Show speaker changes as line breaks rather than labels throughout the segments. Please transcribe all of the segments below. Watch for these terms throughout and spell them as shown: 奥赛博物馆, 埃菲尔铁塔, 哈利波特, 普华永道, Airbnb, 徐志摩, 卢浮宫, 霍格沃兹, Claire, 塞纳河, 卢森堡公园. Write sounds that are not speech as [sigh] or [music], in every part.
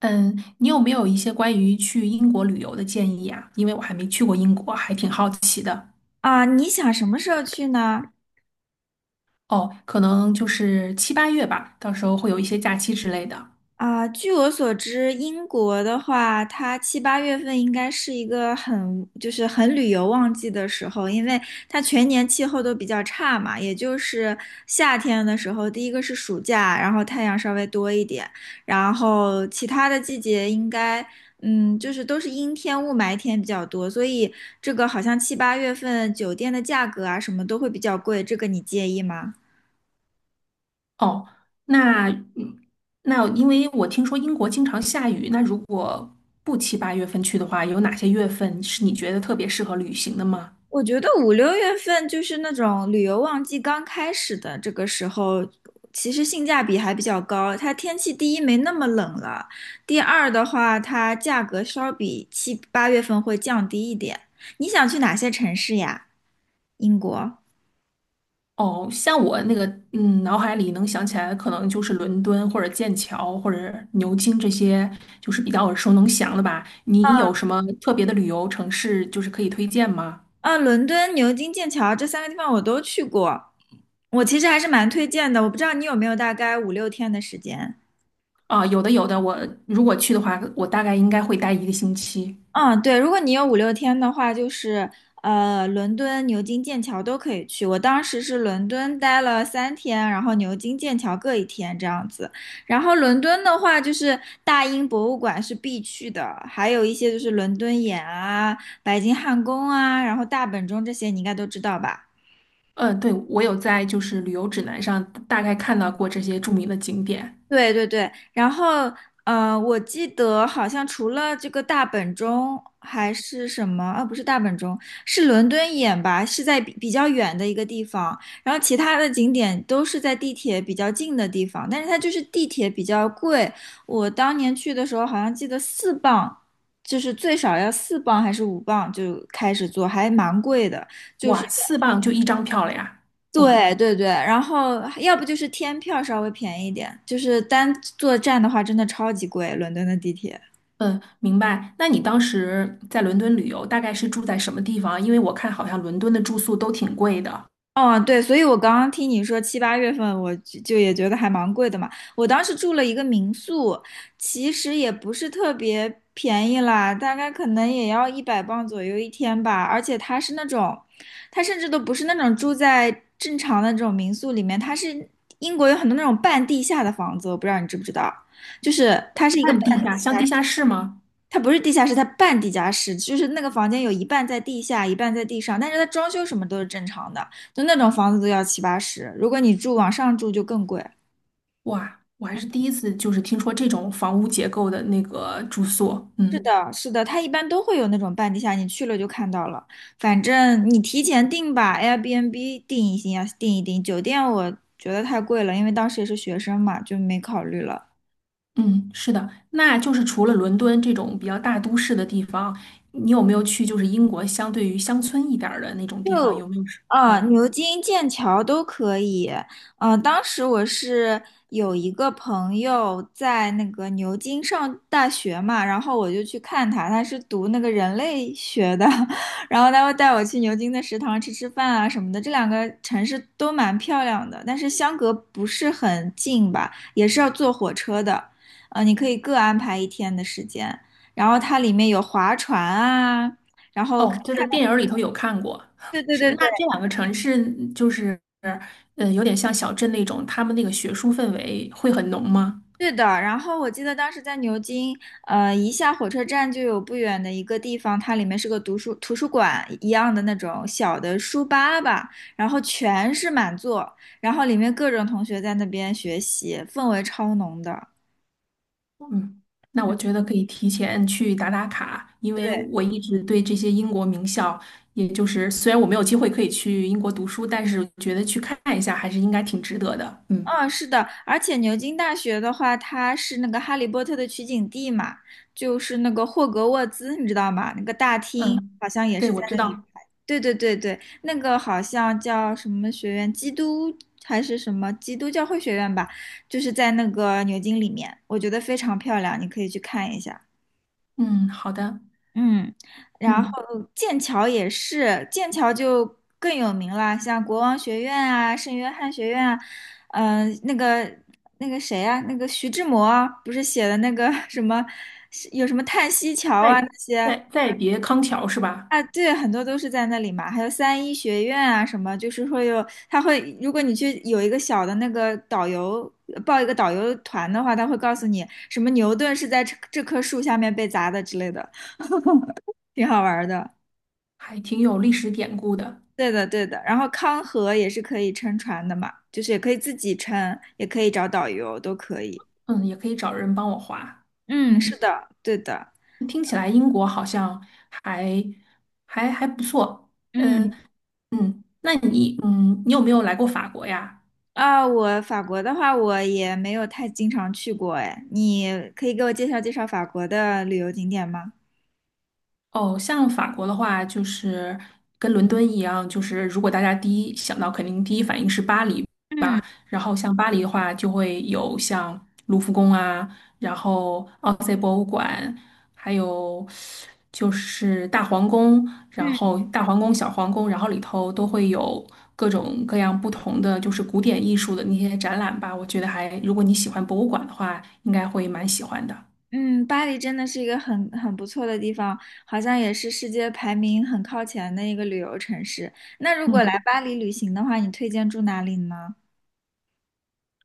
嗯，你有没有一些关于去英国旅游的建议啊？因为我还没去过英国，还挺好奇的。
啊，你想什么时候去呢？
哦，可能七八月吧，到时候会有一些假期之类的。
啊，据我所知，英国的话，它七八月份应该是一个就是很旅游旺季的时候，因为它全年气候都比较差嘛，也就是夏天的时候，第一个是暑假，然后太阳稍微多一点，然后其他的季节应该，就是都是阴天、雾霾天比较多，所以这个好像七八月份酒店的价格啊什么都会比较贵，这个你介意吗？
哦，那因为我听说英国经常下雨，那如果不七八月份去的话，有哪些月份是你觉得特别适合旅行的吗？
我觉得五六月份就是那种旅游旺季刚开始的这个时候，其实性价比还比较高。它天气第一没那么冷了，第二的话，它价格稍比七八月份会降低一点。你想去哪些城市呀？英国？
哦，像我脑海里能想起来的，可能就是伦敦或者剑桥或者牛津这些，就是比较耳熟能详的吧。你有什么特别的旅游城市，就是可以推荐吗？
啊，伦敦、牛津、剑桥这三个地方我都去过，我其实还是蛮推荐的。我不知道你有没有大概五六天的时间。
啊，有的，有的。我如果去的话，我大概应该会待一个星期。
嗯，对，如果你有五六天的话，就是伦敦、牛津、剑桥都可以去。我当时是伦敦待了3天，然后牛津、剑桥各一天这样子。然后伦敦的话，就是大英博物馆是必去的，还有一些就是伦敦眼啊、白金汉宫啊，然后大本钟这些你应该都知道吧。
嗯，对，我有在旅游指南上大概看到过这些著名的景点。
对对对，然后我记得好像除了这个大本钟还是什么啊？不是大本钟，是伦敦眼吧？是在比较远的一个地方，然后其他的景点都是在地铁比较近的地方，但是它就是地铁比较贵。我当年去的时候好像记得四磅，就是最少要四磅还是5磅就开始坐，还蛮贵的。
哇，四磅就一张票了呀！哦。
对对对，然后要不就是天票稍微便宜一点，就是单坐站的话真的超级贵，伦敦的地铁。
嗯，明白。那你当时在伦敦旅游，大概是住在什么地方？因为我看好像伦敦的住宿都挺贵的。
哦，对，所以我刚刚听你说七八月份，我就也觉得还蛮贵的嘛。我当时住了一个民宿，其实也不是特别便宜啦，大概可能也要100磅左右一天吧。而且它是那种，它甚至都不是那种住在正常的这种民宿里面，它是英国有很多那种半地下的房子，我不知道你知不知道，就是它是一个半
半地下，像地下室吗？
它不是地下室，它半地下室，就是那个房间有一半在地下，一半在地上，但是它装修什么都是正常的，就那种房子都要七八十，如果你住往上住就更贵。
哇，我还是第一次听说这种房屋结构的那个住宿。
是
嗯
的，是的，它一般都会有那种半地下，你去了就看到了。反正你提前订吧，Airbnb 订一定要订一订。酒店我觉得太贵了，因为当时也是学生嘛，就没考虑了。
嗯，是的。那就是除了伦敦这种比较大都市的地方，你有没有去就是英国相对于乡村一点儿的那种地方？有
就
没有是
啊，
嗯。
牛津、剑桥都可以。嗯，当时我是有一个朋友在那个牛津上大学嘛，然后我就去看他，他是读那个人类学的，[laughs] 然后他会带我去牛津的食堂吃吃饭啊什么的。这两个城市都蛮漂亮的，但是相隔不是很近吧，也是要坐火车的。你可以各安排一天的时间，然后它里面有划船啊。然后看，
哦，就在电影儿里头有看过，
对对对对，
这两个城市就是，呃，有点像小镇那种，他们那个学术氛围会很浓吗？
对的，然后我记得当时在牛津，一下火车站就有不远的一个地方，它里面是个读书图书馆一样的那种小的书吧，然后全是满座，然后里面各种同学在那边学习，氛围超浓的。
嗯，那我觉得可以提前去打打卡，因为
对，
我一直对这些英国名校，也就是虽然我没有机会可以去英国读书，但是觉得去看一下还是应该挺值得的。嗯
嗯，是的，而且牛津大学的话，它是那个《哈利波特》的取景地嘛，就是那个霍格沃兹，你知道吗？那个大厅
嗯，
好像也
对，
是在
我知
那里
道。
拍。对对对对，那个好像叫什么学院，基督还是什么基督教会学院吧，就是在那个牛津里面，我觉得非常漂亮，你可以去看一下。
嗯，好的。
嗯，然
嗯，
后剑桥也是，剑桥就更有名了，像国王学院啊、圣约翰学院啊，嗯、那个那个谁啊，那个徐志摩啊不是写的那个 [laughs] 什么，是有什么叹息桥啊，
再再别康桥是吧？
啊，对，很多都是在那里嘛，还有三一学院啊什么，就是会有，他会，如果你去有一个小的那个导游，报一个导游团的话，他会告诉你什么牛顿是在这棵树下面被砸的之类的，挺好玩儿的。
还挺有历史典故的。
对的，对的。然后康河也是可以撑船的嘛，就是也可以自己撑，也可以找导游，都可以。
嗯，也可以找人帮我划。
嗯，是
嗯，
的，对的。
听起来英国好像还还不错。呃，
嗯，
那你你有没有来过法国呀？
啊，我法国的话，我也没有太经常去过，哎，你可以给我介绍介绍法国的旅游景点吗？
哦，像法国的话，就是跟伦敦一样，就是如果大家第一想到，肯定第一反应是巴黎。
嗯
然后像巴黎的话，就会有像卢浮宫啊，然后奥赛博物馆，还有就是大皇宫，然
嗯
后大皇宫、小皇宫，然后里头都会有各种各样不同的就是古典艺术的那些展览吧。我觉得还，如果你喜欢博物馆的话，应该会蛮喜欢的。
嗯，巴黎真的是一个很不错的地方，好像也是世界排名很靠前的一个旅游城市。那如果来
嗯。
巴黎旅行的话，你推荐住哪里呢？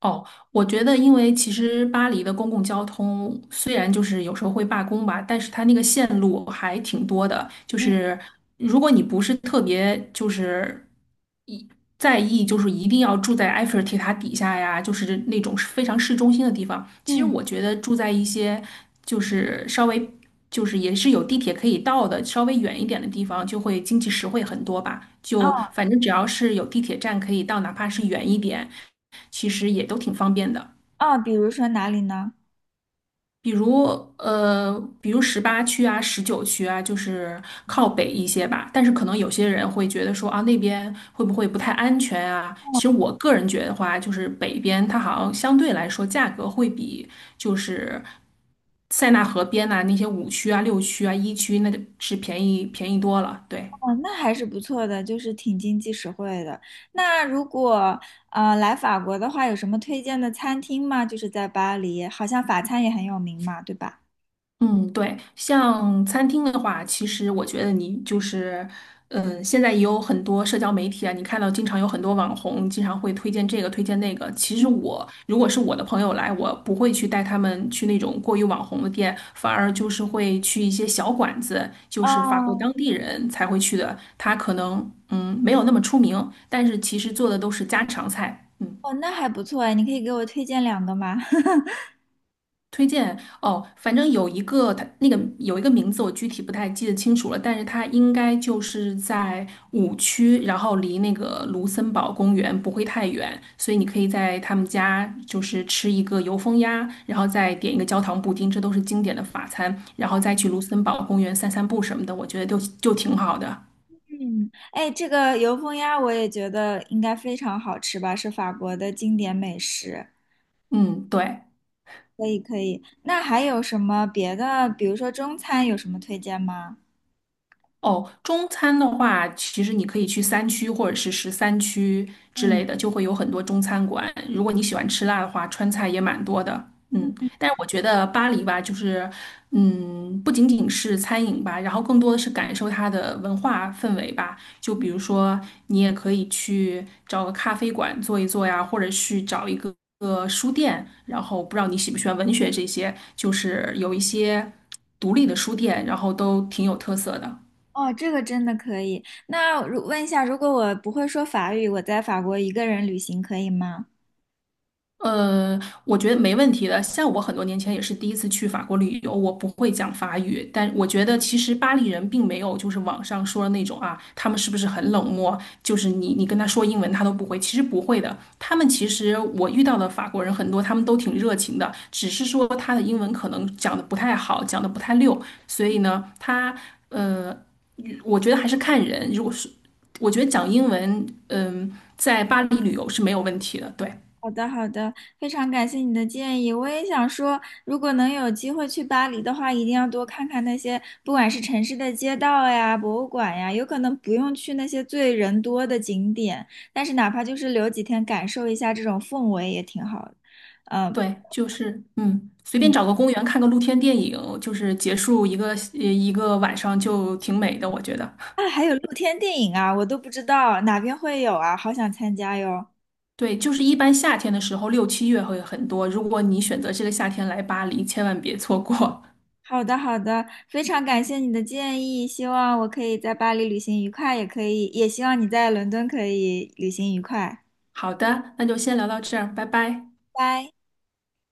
哦，我觉得，因为其实巴黎的公共交通虽然就是有时候会罢工吧，但是它那个线路还挺多的。就
嗯
是如果你不是特别在意，就是一定要住在埃菲尔铁塔底下呀，就是那种非常市中心的地方，其实
嗯，
我觉得住在一些稍微也是有地铁可以到的，稍微远一点的地方，就会经济实惠很多吧。就
哦
反正只要是有地铁站可以到，哪怕是远一点，其实也都挺方便的。
哦，比如说哪里呢？
比如呃，比如十八区啊、十九区啊，就是靠北一些吧。但是可能有些人会觉得说啊，那边会不会不太安全啊？其实我个人觉得话，就是北边它好像相对来说价格会比就是塞纳河边呐、那些五区啊、六区啊、一区那个是便宜多了。对，
哦，那还是不错的，就是挺经济实惠的。那如果来法国的话，有什么推荐的餐厅吗？就是在巴黎，好像法餐也很有名嘛，对吧？
嗯，对，像餐厅的话，其实我觉得你就是，嗯，现在也有很多社交媒体啊，你看到经常有很多网红经常会推荐这个推荐那个。其实我如果是我的朋友来，我不会去带他们去那种过于网红的店，反而就是会去一些小馆子，就是法国
哦，
当地人才会去的，他可能没有那么出名，但是其实做的都是家常菜。嗯。
哦，那还不错哎，你可以给我推荐两个吗？[laughs]
推荐哦，反正有一个它那个有一个名字，我具体不太记得清楚了，但是它应该就是在五区，然后离那个卢森堡公园不会太远，所以你可以在他们家就是吃一个油封鸭，然后再点一个焦糖布丁，这都是经典的法餐，然后再去卢森堡公园散散步什么的，我觉得就挺好的。
嗯，哎，这个油封鸭我也觉得应该非常好吃吧，是法国的经典美食。
嗯，对。
可以可以，那还有什么别的？比如说中餐有什么推荐吗？
哦，中餐的话，其实你可以去三区或者是十三区之
嗯。
类的，就会有很多中餐馆。如果你喜欢吃辣的话，川菜也蛮多的。嗯，但是我觉得巴黎吧，就是，嗯，不仅仅是餐饮吧，然后更多的是感受它的文化氛围吧。就比如说，你也可以去找个咖啡馆坐一坐呀，或者去找个书店。然后不知道你喜不喜欢文学这些，就是有一些独立的书店，然后都挺有特色的。
哦，这个真的可以。那问一下，如果我不会说法语，我在法国一个人旅行可以吗？
呃，我觉得没问题的。像我很多年前也是第一次去法国旅游，我不会讲法语，但我觉得其实巴黎人并没有就是网上说的那种啊，他们是不是很冷漠？就是你跟他说英文他都不会，其实不会的。他们其实我遇到的法国人很多，他们都挺热情的，只是说他的英文可能讲的不太好，讲的不太溜，所以呢，呃，我觉得还是看人。如果是我觉得讲英文，在巴黎旅游是没有问题的，对。
好的，好的，非常感谢你的建议。我也想说，如果能有机会去巴黎的话，一定要多看看那些，不管是城市的街道呀、博物馆呀，有可能不用去那些最人多的景点，但是哪怕就是留几天感受一下这种氛围也挺好的。嗯、
对，就是嗯，随便
嗯，
找个公园看个露天电影，就是结束一个晚上就挺美的，我觉得。
啊，还有露天电影啊，我都不知道哪边会有啊，好想参加哟。
对，就是一般夏天的时候，六七月会很多。如果你选择这个夏天来巴黎，千万别错过。
好的，好的，非常感谢你的建议，希望我可以在巴黎旅行愉快，也可以，也希望你在伦敦可以旅行愉快。
[laughs] 好的，那就先聊到这儿，拜拜。
拜。